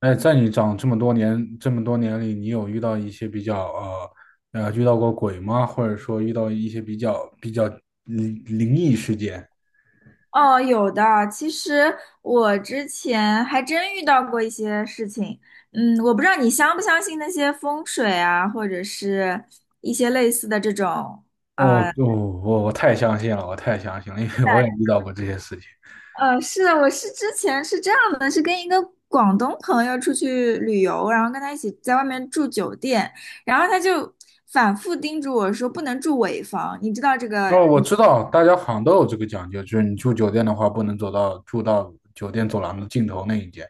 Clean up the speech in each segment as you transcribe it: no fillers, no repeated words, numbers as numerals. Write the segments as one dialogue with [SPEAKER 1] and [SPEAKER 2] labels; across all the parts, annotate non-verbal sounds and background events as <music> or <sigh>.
[SPEAKER 1] 哎，在你长这么多年里，你有遇到一些遇到过鬼吗？或者说遇到一些比较灵异事件？
[SPEAKER 2] 哦，有的。其实我之前还真遇到过一些事情。我不知道你相不相信那些风水啊，或者是一些类似的这种。
[SPEAKER 1] 哦，哦，我太相信了，我太相信了，因为我也遇到过这些事情。
[SPEAKER 2] 是的，我之前是这样的，是跟一个广东朋友出去旅游，然后跟他一起在外面住酒店，然后他就反复叮嘱我说不能住尾房，你知道这个。
[SPEAKER 1] 哦，我知道，大家好像都有这个讲究，就是你住酒店的话，不能走到住到酒店走廊的尽头那一间。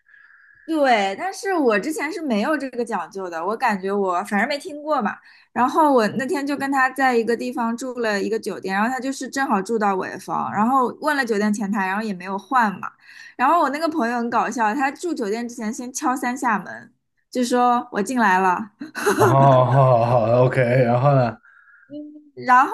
[SPEAKER 2] 对，但是我之前是没有这个讲究的，我感觉我反正没听过嘛。然后我那天就跟他在一个地方住了一个酒店，然后他就是正好住到尾房，然后问了酒店前台，然后也没有换嘛。然后我那个朋友很搞笑，他住酒店之前先敲三下门，就说我进来了。
[SPEAKER 1] 哦，好好，OK，然后呢？
[SPEAKER 2] 然后。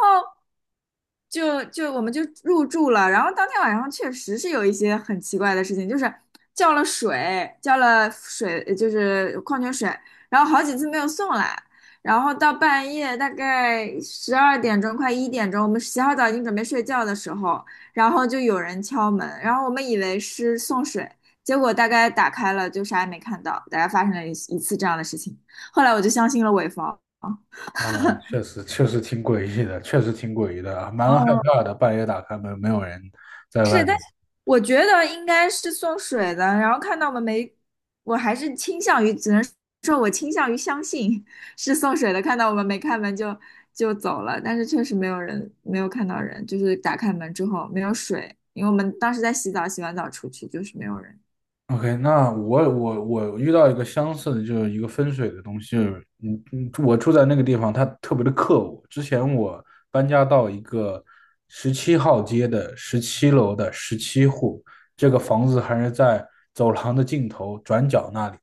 [SPEAKER 2] 就我们就入住了，然后当天晚上确实是有一些很奇怪的事情，就是叫了水，叫了水，就是矿泉水，然后好几次没有送来，然后到半夜大概十二点钟快一点钟，我们洗好澡已经准备睡觉的时候，然后就有人敲门，然后我们以为是送水，结果大概打开了就啥也没看到，大概发生了一次这样的事情，后来我就相信了伪方。
[SPEAKER 1] 啊，确实挺诡异的，确实挺诡异的，蛮害
[SPEAKER 2] 哦，
[SPEAKER 1] 怕的。半夜打开门，没有人在外
[SPEAKER 2] 是，但
[SPEAKER 1] 面。
[SPEAKER 2] 是我觉得应该是送水的。然后看到我们没，我还是倾向于，只能说我倾向于相信是送水的。看到我们没开门就走了，但是确实没有人，没有看到人，就是打开门之后没有水，因为我们当时在洗澡，洗完澡出去就是没有人。
[SPEAKER 1] OK，那我遇到一个相似的，就是一个分水的东西，就是我住在那个地方，它特别的克我。之前我搬家到一个17号街的十七楼的十七户，这个房子还是在走廊的尽头转角那里。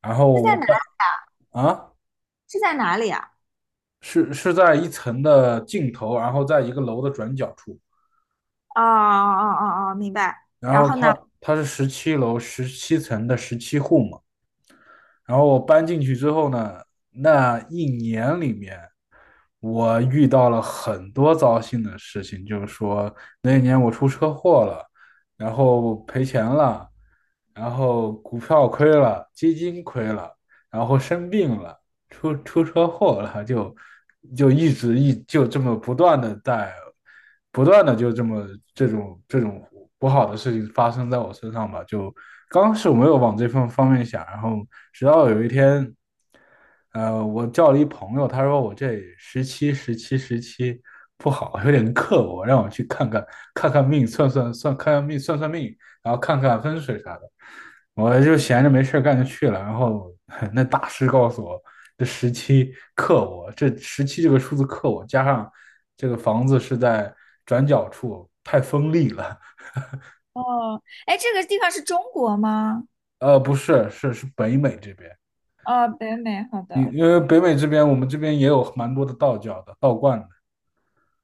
[SPEAKER 1] 然后
[SPEAKER 2] 是在
[SPEAKER 1] 我
[SPEAKER 2] 哪？
[SPEAKER 1] 搬啊，
[SPEAKER 2] 是在哪里啊？
[SPEAKER 1] 是在一层的尽头，然后在一个楼的转角处。
[SPEAKER 2] 哦哦哦哦，明白。
[SPEAKER 1] 然
[SPEAKER 2] 然
[SPEAKER 1] 后
[SPEAKER 2] 后呢？
[SPEAKER 1] 它是十七楼17层的十七户嘛。然后我搬进去之后呢，那一年里面，我遇到了很多糟心的事情，就是说那一年我出车祸了，然后赔钱了，然后股票亏了，基金亏了，然后生病了，出车祸了，就一直就这么不断的在不断的就这么这种不好的事情发生在我身上吧。就刚开始我没有往这份方面想，然后直到有一天，我叫了一朋友，他说我这十七不好，有点克我，让我去看看，看看命，算算，看看命，算算命，然后看看风水啥的。我就闲着没事干就去了，然后 <laughs> 那大师告诉我，这17克我，这十七这个数字克我，加上这个房子是在转角处，太锋利了。
[SPEAKER 2] 哦，哎，这个地方是中国吗？
[SPEAKER 1] 不是，是北美这边，
[SPEAKER 2] 哦，北美，好
[SPEAKER 1] 因
[SPEAKER 2] 的。
[SPEAKER 1] 因为北美这边我们这边也有蛮多的道教的道观的，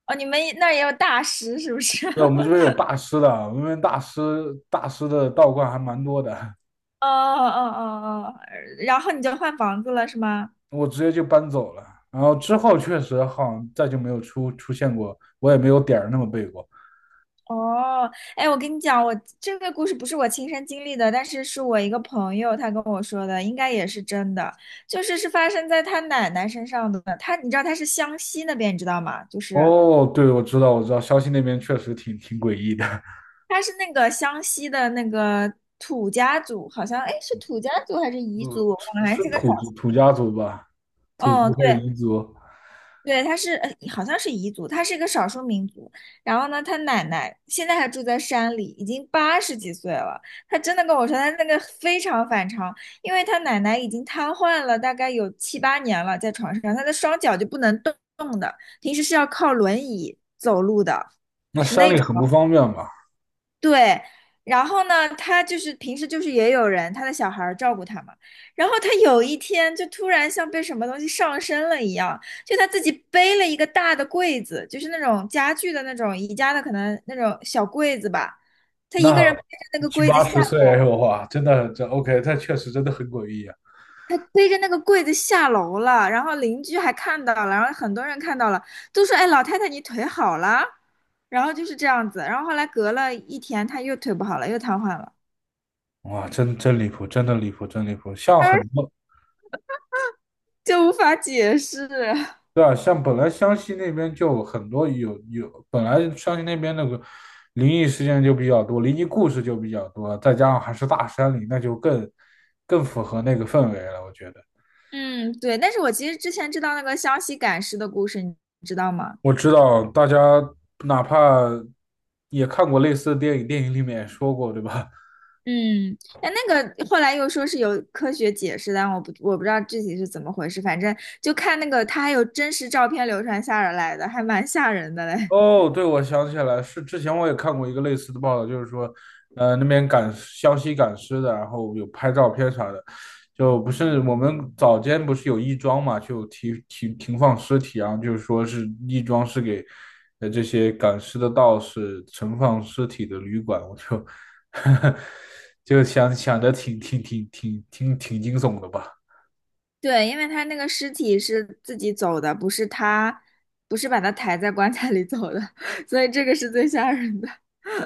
[SPEAKER 2] 哦，你们那儿也有大师是不是？
[SPEAKER 1] 对，我们这
[SPEAKER 2] <laughs>
[SPEAKER 1] 边有大师的，我们这边大师的道观还蛮多的，
[SPEAKER 2] 哦哦哦哦，然后你就换房子了是吗？
[SPEAKER 1] 我直接就搬走了。然后之后确实好像再就没有出现过，我也没有点儿那么背过。
[SPEAKER 2] 哦，哎，我跟你讲，我这个故事不是我亲身经历的，但是是我一个朋友他跟我说的，应该也是真的，就是发生在他奶奶身上的。他，你知道他是湘西那边，你知道吗？就是
[SPEAKER 1] 哦，对，我知道，我知道，消息那边确实挺诡异的。
[SPEAKER 2] 他是那个湘西的那个土家族，好像哎是土家族还是彝
[SPEAKER 1] 嗯，
[SPEAKER 2] 族，我忘
[SPEAKER 1] 是
[SPEAKER 2] 了还
[SPEAKER 1] 是
[SPEAKER 2] 是个少数。
[SPEAKER 1] 土家族吧？土族还是
[SPEAKER 2] 对。
[SPEAKER 1] 彝族？
[SPEAKER 2] 对，他是好像是彝族，他是一个少数民族。然后呢，他奶奶现在还住在山里，已经八十几岁了。他真的跟我说，他那个非常反常，因为他奶奶已经瘫痪了，大概有七八年了，在床上，他的双脚就不能动动的，平时是要靠轮椅走路的，
[SPEAKER 1] 那
[SPEAKER 2] 是
[SPEAKER 1] 山
[SPEAKER 2] 那
[SPEAKER 1] 里
[SPEAKER 2] 种。
[SPEAKER 1] 很不方便吧？
[SPEAKER 2] 对，然后呢，他就是平时就是也有人，他的小孩儿照顾他嘛。然后他有一天就突然像被什么东西上身了一样，就他自己背了一个大的柜子，就是那种家具的那种宜家的可能那种小柜子吧。他一个人
[SPEAKER 1] 那
[SPEAKER 2] 背着那个
[SPEAKER 1] 七
[SPEAKER 2] 柜子
[SPEAKER 1] 八
[SPEAKER 2] 下
[SPEAKER 1] 十岁，
[SPEAKER 2] 楼，
[SPEAKER 1] 哇，真的，OK，这确实真的很诡异啊！
[SPEAKER 2] 背着那个柜子下楼了。然后邻居还看到了，然后很多人看到了，都说：“哎，老太太你腿好了。”然后就是这样子。然后后来隔了一天，他又腿不好了，又瘫痪了。
[SPEAKER 1] 哇，真离谱，真的离谱，真离谱。像很多
[SPEAKER 2] 就无法解释。
[SPEAKER 1] 对啊，像本来湘西那边就很多有有，本来湘西那边那个灵异事件就比较多，灵异故事就比较多，再加上还是大山里，那就更符合那个氛围了，我觉得。
[SPEAKER 2] 嗯，对。但是我其实之前知道那个湘西赶尸的故事，你知道吗？
[SPEAKER 1] 我知道，大家哪怕也看过类似的电影，电影里面也说过，对吧？<laughs>
[SPEAKER 2] 嗯，但那个后来又说是有科学解释，但我不知道具体是怎么回事。反正就看那个，他还有真实照片流传下来的，还蛮吓人的嘞。
[SPEAKER 1] 哦，对，我想起来，是之前我也看过一个类似的报道，就是说，那边湘西赶尸的，然后有拍照片啥的，就不是我们早间不是有亦庄嘛，就停放尸体啊，然后就是说是亦庄是给这些赶尸的道士存放尸体的旅馆，我就 <laughs> 就想想的挺惊悚的吧。
[SPEAKER 2] <laughs> 对，因为他那个尸体是自己走的，不是他，不是把他抬在棺材里走的，<laughs> 所以这个是最吓人的。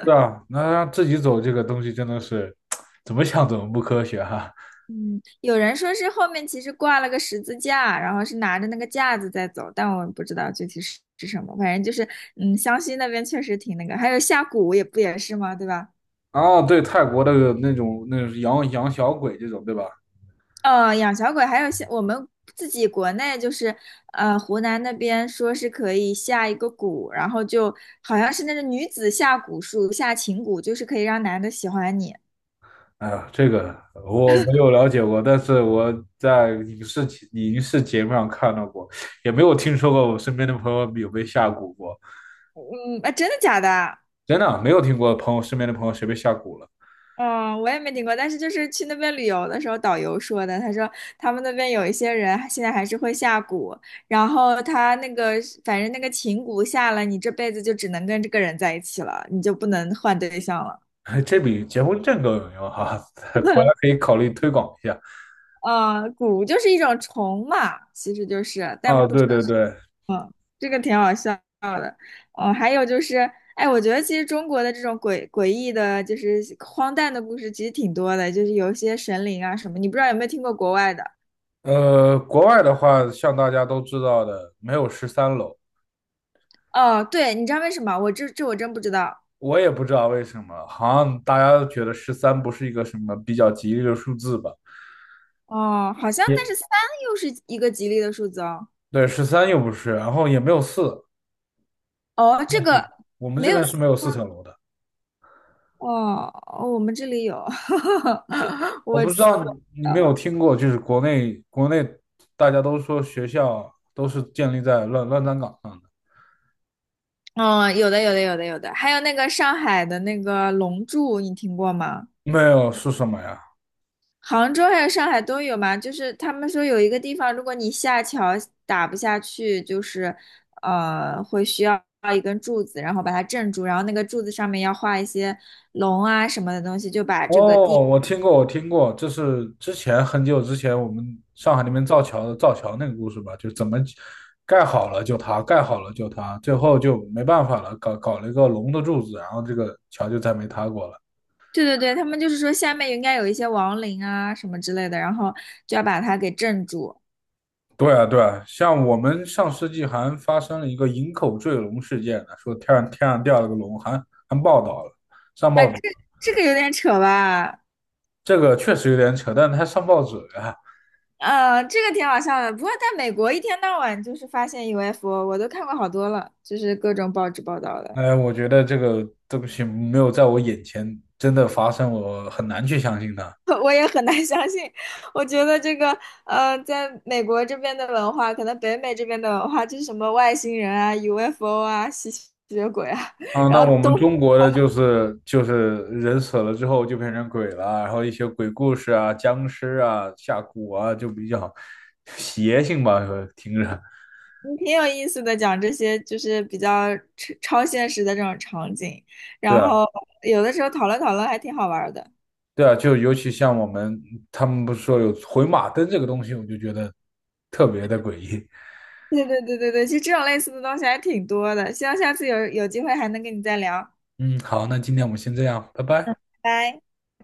[SPEAKER 1] 对啊，那让自己走这个东西真的是 <tsk> 怎么想怎么不科学哈、
[SPEAKER 2] 嗯，有人说是后面其实挂了个十字架，然后是拿着那个架子在走，但我不知道具体是什么。反正就是，嗯，湘西那边确实挺那个，还有下蛊也不也是吗？对吧？
[SPEAKER 1] 啊。对，泰国的那种养小鬼这种，对吧？
[SPEAKER 2] 哦，养小鬼，还有像我们自己国内就是，湖南那边说是可以下一个蛊，然后就好像是那个女子下蛊术，下情蛊，就是可以让男的喜欢你。
[SPEAKER 1] 哎呀，这个我没有了解过，但是我在影视节目上看到过，也没有听说过我身边的朋友有被下蛊过，
[SPEAKER 2] 嗯，啊，真的假的？
[SPEAKER 1] 真的啊，没有听过朋友，身边的朋友谁被下蛊了。
[SPEAKER 2] 嗯，我也没听过，但是就是去那边旅游的时候，导游说的，他说他们那边有一些人现在还是会下蛊，然后他那个反正那个情蛊下了，你这辈子就只能跟这个人在一起了，你就不能换对象了。
[SPEAKER 1] <laughs> 这比结婚证更有用哈、<laughs> 果然可
[SPEAKER 2] <laughs>
[SPEAKER 1] 以考虑推广一下。
[SPEAKER 2] 啊，蛊就是一种虫嘛，其实就是，但
[SPEAKER 1] 啊，
[SPEAKER 2] 不知
[SPEAKER 1] 对
[SPEAKER 2] 道
[SPEAKER 1] 对对，
[SPEAKER 2] 这个挺好笑的。哦，还有就是，哎，我觉得其实中国的这种诡异的，就是荒诞的故事，其实挺多的，就是有一些神灵啊什么，你不知道有没有听过国外的？
[SPEAKER 1] 国外的话，像大家都知道的，没有13楼。
[SPEAKER 2] 哦，对，你知道为什么？我这这我真不知道。
[SPEAKER 1] 我也不知道为什么，好像大家都觉得十三不是一个什么比较吉利的数字吧？
[SPEAKER 2] 哦，好像
[SPEAKER 1] 也
[SPEAKER 2] 但是三又是一个吉利的数字哦。
[SPEAKER 1] 对，十三又不是，然后也没有四，
[SPEAKER 2] 哦，
[SPEAKER 1] 没
[SPEAKER 2] 这
[SPEAKER 1] 有四，
[SPEAKER 2] 个
[SPEAKER 1] 我们
[SPEAKER 2] 没
[SPEAKER 1] 这
[SPEAKER 2] 有
[SPEAKER 1] 边
[SPEAKER 2] 四
[SPEAKER 1] 是没有四层楼的。
[SPEAKER 2] 哦，哦我们这里有，<laughs>
[SPEAKER 1] 我
[SPEAKER 2] 我
[SPEAKER 1] 不知
[SPEAKER 2] 四
[SPEAKER 1] 道
[SPEAKER 2] 我
[SPEAKER 1] 你没有听过，就是国内大家都说学校都是建立在乱葬岗上的，
[SPEAKER 2] 哦，有的有的有的有的，还有那个上海的那个龙柱，你听过吗？
[SPEAKER 1] 没有。是什么呀？
[SPEAKER 2] 杭州还有上海都有嘛，就是他们说有一个地方，如果你下桥打不下去，就是会需要一根柱子，然后把它镇住，然后那个柱子上面要画一些龙啊什么的东西，就把这个
[SPEAKER 1] 哦，
[SPEAKER 2] 地，
[SPEAKER 1] 我听过，我听过，这是之前很久之前我们上海那边造桥那个故事吧？就怎么盖好了就塌，盖好了就塌，最后就没办法了，搞了一个龙的柱子，然后这个桥就再没塌过了。
[SPEAKER 2] 对对对，他们就是说下面应该有一些亡灵啊什么之类的，然后就要把它给镇住。
[SPEAKER 1] 对啊，对啊，像我们上世纪还发生了一个营口坠龙事件呢，说天上掉了个龙，还报道了，上
[SPEAKER 2] 啊，
[SPEAKER 1] 报
[SPEAKER 2] 这
[SPEAKER 1] 纸，
[SPEAKER 2] 这个有点扯吧？
[SPEAKER 1] 这个确实有点扯，但是他上报纸了。
[SPEAKER 2] 这个挺好笑的。不过在美国一天到晚就是发现 UFO，我都看过好多了，就是各种报纸报道的。
[SPEAKER 1] 我觉得这个东西没有在我眼前真的发生，我很难去相信它。
[SPEAKER 2] <laughs> 我也很难相信。我觉得这个，在美国这边的文化，可能北美这边的文化就是什么外星人啊、UFO 啊、吸血鬼啊，
[SPEAKER 1] 啊，
[SPEAKER 2] 然
[SPEAKER 1] 那我
[SPEAKER 2] 后
[SPEAKER 1] 们
[SPEAKER 2] 都
[SPEAKER 1] 中国的就是人死了之后就变成鬼了，然后一些鬼故事啊、僵尸啊、下蛊啊，就比较邪性吧，听着。
[SPEAKER 2] 挺有意思的，讲这些就是比较超现实的这种场景，
[SPEAKER 1] 对
[SPEAKER 2] 然
[SPEAKER 1] 啊，
[SPEAKER 2] 后有的时候讨论讨论还挺好玩儿的。
[SPEAKER 1] 对啊，就尤其像他们不是说有回马灯这个东西，我就觉得特别的诡异。
[SPEAKER 2] 对对对对对，其实这种类似的东西还挺多的，希望下次有机会还能跟你再聊，
[SPEAKER 1] 嗯，好，那今天我们先这样，拜拜。
[SPEAKER 2] 拜。